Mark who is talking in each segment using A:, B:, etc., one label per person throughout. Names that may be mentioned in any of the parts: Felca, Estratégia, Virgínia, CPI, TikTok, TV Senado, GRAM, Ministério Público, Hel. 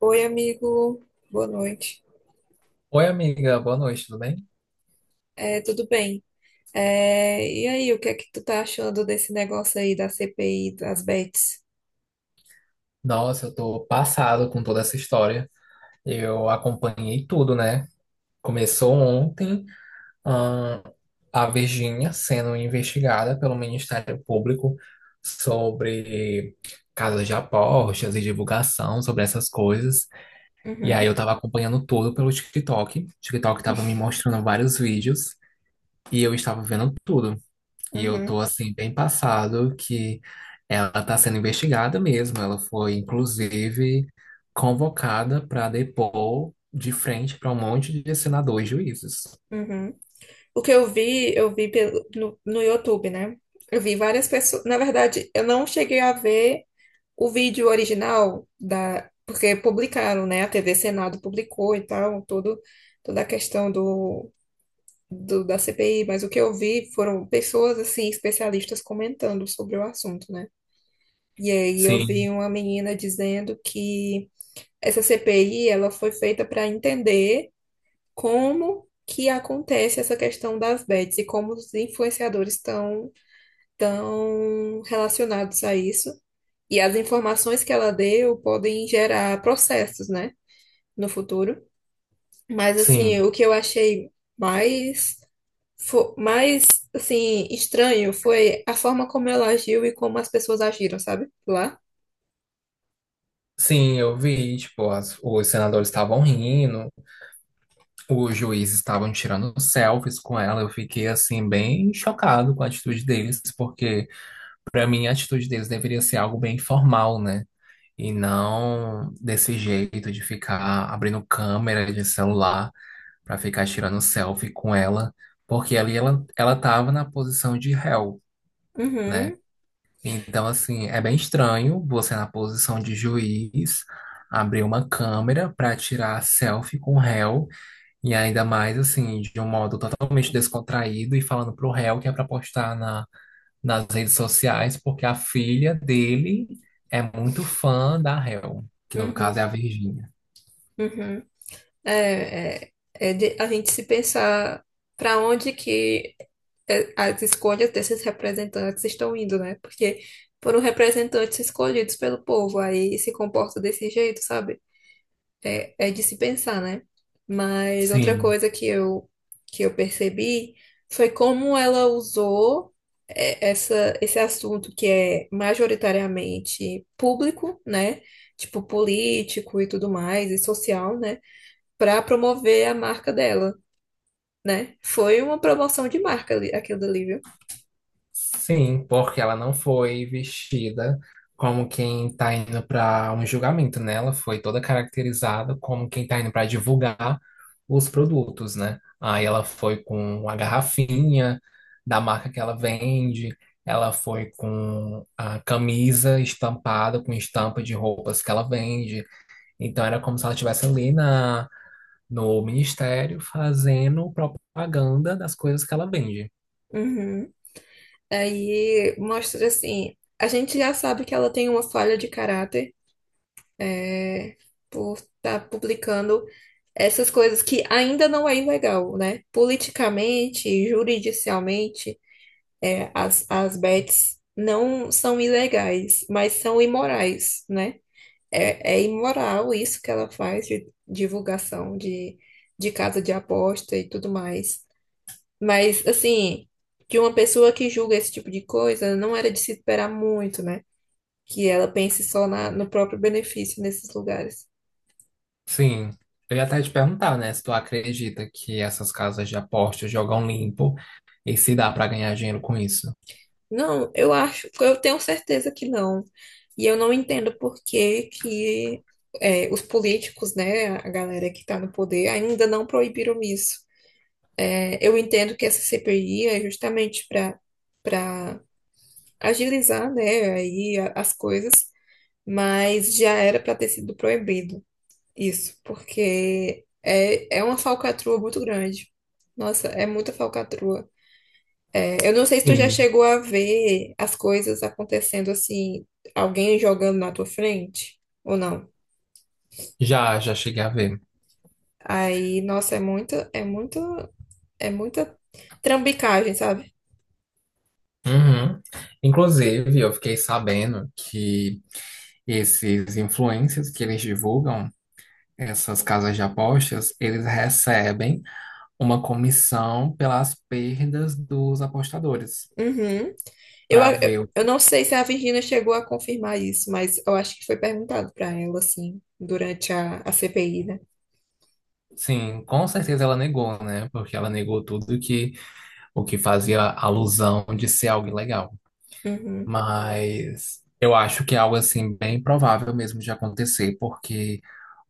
A: Oi, amigo. Boa noite.
B: Oi, amiga, boa noite, tudo bem?
A: Tudo bem? E aí, o que é que tu tá achando desse negócio aí da CPI das bets?
B: Nossa, eu tô passado com toda essa história. Eu acompanhei tudo, né? Começou ontem, ahn, a Virgínia sendo investigada pelo Ministério Público sobre casas de apostas e divulgação sobre essas coisas. E
A: Uhum.
B: aí eu tava acompanhando tudo pelo TikTok. O TikTok tava me mostrando vários vídeos e eu estava vendo tudo. E eu
A: Uhum.
B: tô assim bem passado que ela tá sendo investigada mesmo. Ela foi inclusive convocada para depor de frente para um monte de senadores e juízes.
A: Uhum. O que eu vi pelo, no, no YouTube, né? Eu vi várias pessoas. Na verdade, eu não cheguei a ver o vídeo original da, porque publicaram, né? A TV Senado publicou e tal, toda a questão da CPI, mas o que eu vi foram pessoas assim, especialistas comentando sobre o assunto, né? E aí eu vi
B: Sim,
A: uma menina dizendo que essa CPI ela foi feita para entender como que acontece essa questão das bets e como os influenciadores estão tão relacionados a isso. E as informações que ela deu podem gerar processos, né, no futuro. Mas assim,
B: sim.
A: o que eu achei mais mais assim estranho foi a forma como ela agiu e como as pessoas agiram, sabe? Lá.
B: Sim, eu vi, tipo, os senadores estavam rindo, os juízes estavam tirando selfies com ela. Eu fiquei assim bem chocado com a atitude deles, porque para mim a atitude deles deveria ser algo bem formal, né? E não desse jeito de ficar abrindo câmera de celular para ficar tirando selfie com ela, porque ali ela tava na posição de réu, né?
A: Uhum.
B: Então, assim, é bem estranho você na posição de juiz abrir uma câmera para tirar selfie com o réu, e ainda mais, assim, de um modo totalmente descontraído e falando pro réu que é para postar na nas redes sociais, porque a filha dele é muito fã da Hel, que no
A: Uhum.
B: caso é a Virgínia.
A: Uhum. É de a gente se pensar para onde que as escolhas desses representantes estão indo, né? Porque foram representantes escolhidos pelo povo, aí se comporta desse jeito, sabe? É de se pensar, né? Mas outra
B: Sim,
A: coisa que eu percebi foi como ela usou esse assunto que é majoritariamente público, né? Tipo político e tudo mais, e social, né? Para promover a marca dela, né? Foi uma promoção de marca aquilo dali, viu?
B: sim, porque ela não foi vestida como quem tá indo para um julgamento, né? Ela foi toda caracterizada como quem tá indo para divulgar os produtos, né? Aí ela foi com a garrafinha da marca que ela vende. Ela foi com a camisa estampada, com estampa de roupas que ela vende. Então era como se ela estivesse ali na, no ministério fazendo propaganda das coisas que ela vende.
A: Uhum. Aí mostra assim, a gente já sabe que ela tem uma falha de caráter, é, por estar publicando essas coisas que ainda não é ilegal, né? Politicamente, juridicialmente, as bets não são ilegais, mas são imorais, né? É imoral isso que ela faz de divulgação de casa de aposta e tudo mais. Mas, assim, de uma pessoa que julga esse tipo de coisa, não era de se esperar muito, né? Que ela pense só no próprio benefício nesses lugares.
B: Sim. Eu ia até te perguntar, né, se tu acredita que essas casas de apostas jogam limpo e se dá pra ganhar dinheiro com isso.
A: Não, eu acho, eu tenho certeza que não. E eu não entendo por que que os políticos, né, a galera que está no poder, ainda não proibiram isso. É, eu entendo que essa CPI é justamente para agilizar, né, as coisas, mas já era para ter sido proibido. Isso, porque é uma falcatrua muito grande. Nossa, é muita falcatrua. É, eu não sei se tu já
B: Sim.
A: chegou a ver as coisas acontecendo assim, alguém jogando na tua frente ou não.
B: Já, já cheguei a ver.
A: Aí, nossa, é muita trambicagem, sabe?
B: Uhum. Inclusive, eu fiquei sabendo que esses influencers que eles divulgam, essas casas de apostas, eles recebem uma comissão pelas perdas dos apostadores.
A: Uhum. Eu,
B: Para
A: a-
B: ver.
A: eu não sei se a Virgínia chegou a confirmar isso, mas eu acho que foi perguntado para ela, assim, durante a CPI, né?
B: Sim, com certeza ela negou, né? Porque ela negou tudo que o que fazia alusão de ser algo ilegal.
A: Uhum.
B: Mas eu acho que é algo assim bem provável mesmo de acontecer, porque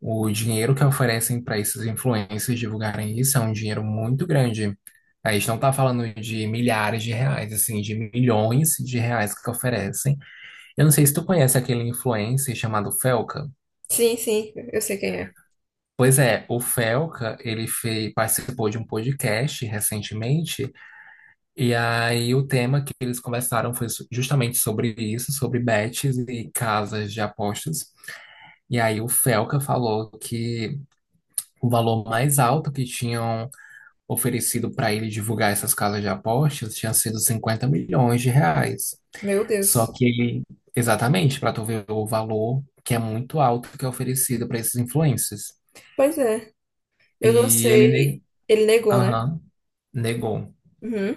B: o dinheiro que oferecem para esses influencers divulgarem isso é um dinheiro muito grande. A gente não está falando de milhares de reais, assim, de milhões de reais que oferecem. Eu não sei se tu conhece aquele influencer chamado Felca.
A: Sim, sim, eu sei quem é.
B: Pois é, o Felca, ele fez, participou de um podcast recentemente, e aí o tema que eles conversaram foi justamente sobre isso, sobre bets e casas de apostas. E aí o Felca falou que o valor mais alto que tinham oferecido para ele divulgar essas casas de apostas tinha sido 50 milhões de reais.
A: Meu
B: Só
A: Deus.
B: que ele, exatamente, para tu ver o valor que é muito alto que é oferecido para esses influencers.
A: Pois é. Eu não
B: E ele
A: sei. Ele negou, né?
B: aham, negou.
A: Uhum.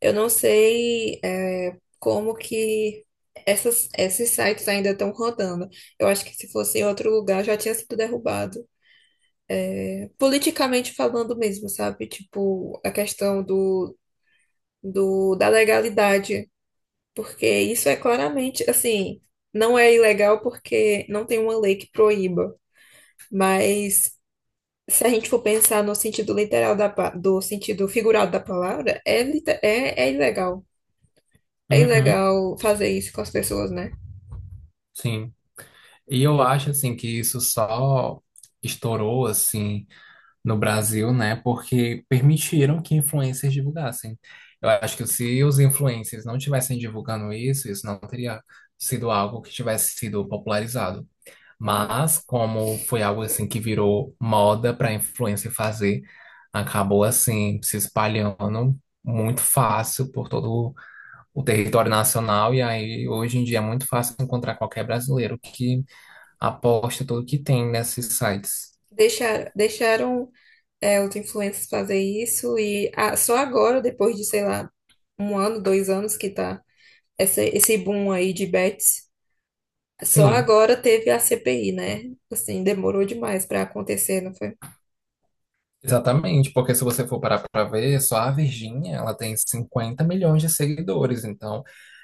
A: Eu não sei, como que esses sites ainda estão rodando. Eu acho que se fosse em outro lugar já tinha sido derrubado. Politicamente falando mesmo, sabe? Tipo, a questão da legalidade. Porque isso é claramente, assim, não é ilegal porque não tem uma lei que proíba. Mas se a gente for pensar no sentido literal do sentido figurado da palavra, é ilegal. É
B: Uhum,
A: ilegal fazer isso com as pessoas, né?
B: sim. E eu acho assim que isso só estourou assim no Brasil, né? Porque permitiram que influencers divulgassem. Eu acho que se os influencers não tivessem divulgando isso, isso não teria sido algo que tivesse sido popularizado.
A: Uhum.
B: Mas como foi algo assim que virou moda para influencer fazer, acabou assim se espalhando muito fácil por todo o território nacional, e aí hoje em dia é muito fácil encontrar qualquer brasileiro que aposta tudo que tem nesses sites.
A: Deixaram, deixaram os influencers fazer isso e ah, só agora, depois de, sei lá, um ano, dois anos que tá esse boom aí de bets. Só
B: Sim,
A: agora teve a CPI, né? Assim, demorou demais pra acontecer, não foi?
B: exatamente, porque se você for parar para ver, só a Virgínia, ela tem 50 milhões de seguidores, então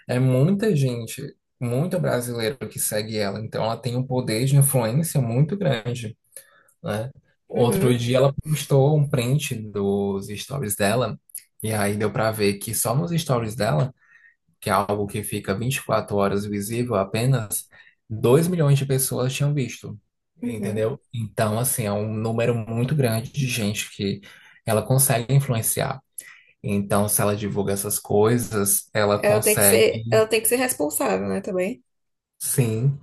B: é muita gente, muito brasileiro que segue ela, então ela tem um poder de influência muito grande, né? Outro
A: Uhum.
B: dia ela postou um print dos stories dela, e aí deu para ver que só nos stories dela que é algo que fica 24 horas visível apenas, 2 milhões de pessoas tinham visto,
A: Uhum.
B: entendeu? Então, assim, é um número muito grande de gente que ela consegue influenciar. Então, se ela divulga essas coisas, ela
A: Ela tem que
B: consegue,
A: ser, ela tem que ser responsável, né, também.
B: sim,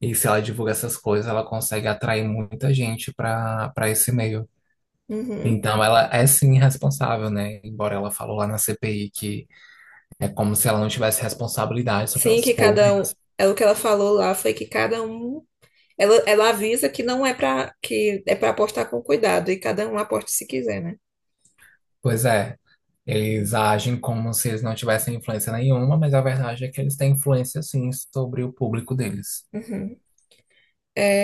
B: e se ela divulga essas coisas, ela consegue atrair muita gente para esse meio.
A: Uhum.
B: Então, ela é sim responsável, né? Embora ela falou lá na CPI que é como se ela não tivesse responsabilidade sobre
A: Sim,
B: as
A: que cada um,
B: coisas.
A: é o que ela falou lá foi que cada um, ela avisa que não é pra que é para apostar com cuidado e cada um aposta se quiser, né?
B: Pois é, eles agem como se eles não tivessem influência nenhuma, mas a verdade é que eles têm influência sim sobre o público deles.
A: Uhum.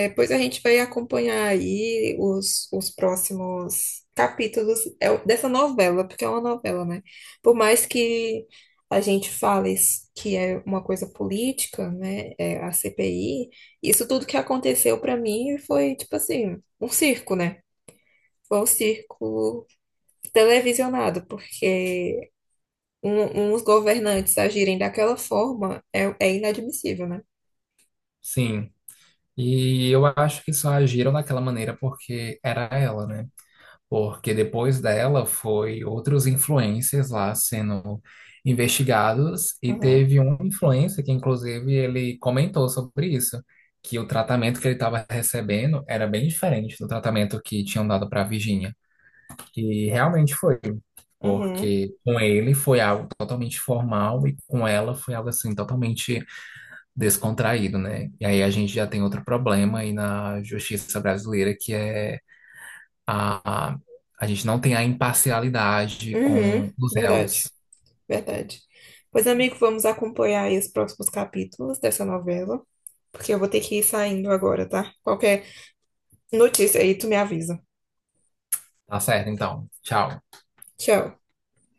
A: Depois a gente vai acompanhar aí os próximos capítulos dessa novela, porque é uma novela, né? Por mais que a gente que é uma coisa política, né? É a CPI, isso tudo que aconteceu pra mim foi, tipo assim, um circo, né? Foi um circo televisionado, porque uns governantes agirem daquela forma é inadmissível, né?
B: Sim. E eu acho que só agiram daquela maneira porque era ela, né? Porque depois dela foi outros influencers lá sendo investigados e
A: Uhum.
B: teve um influencer que inclusive ele comentou sobre isso, que o tratamento que ele estava recebendo era bem diferente do tratamento que tinham dado para a Virginia. E realmente foi,
A: Uhum.
B: porque com ele foi algo totalmente formal e com ela foi algo assim totalmente descontraído, né? E aí a gente já tem outro problema aí na justiça brasileira que é a a a gente não tem a imparcialidade
A: Uhum.
B: com os
A: Verdade.
B: réus.
A: Verdade. Pois, amigo, vamos acompanhar aí os próximos capítulos dessa novela, porque eu vou ter que ir saindo agora, tá? Qualquer notícia aí, tu me avisa.
B: Tá certo, então. Tchau.
A: Tchau.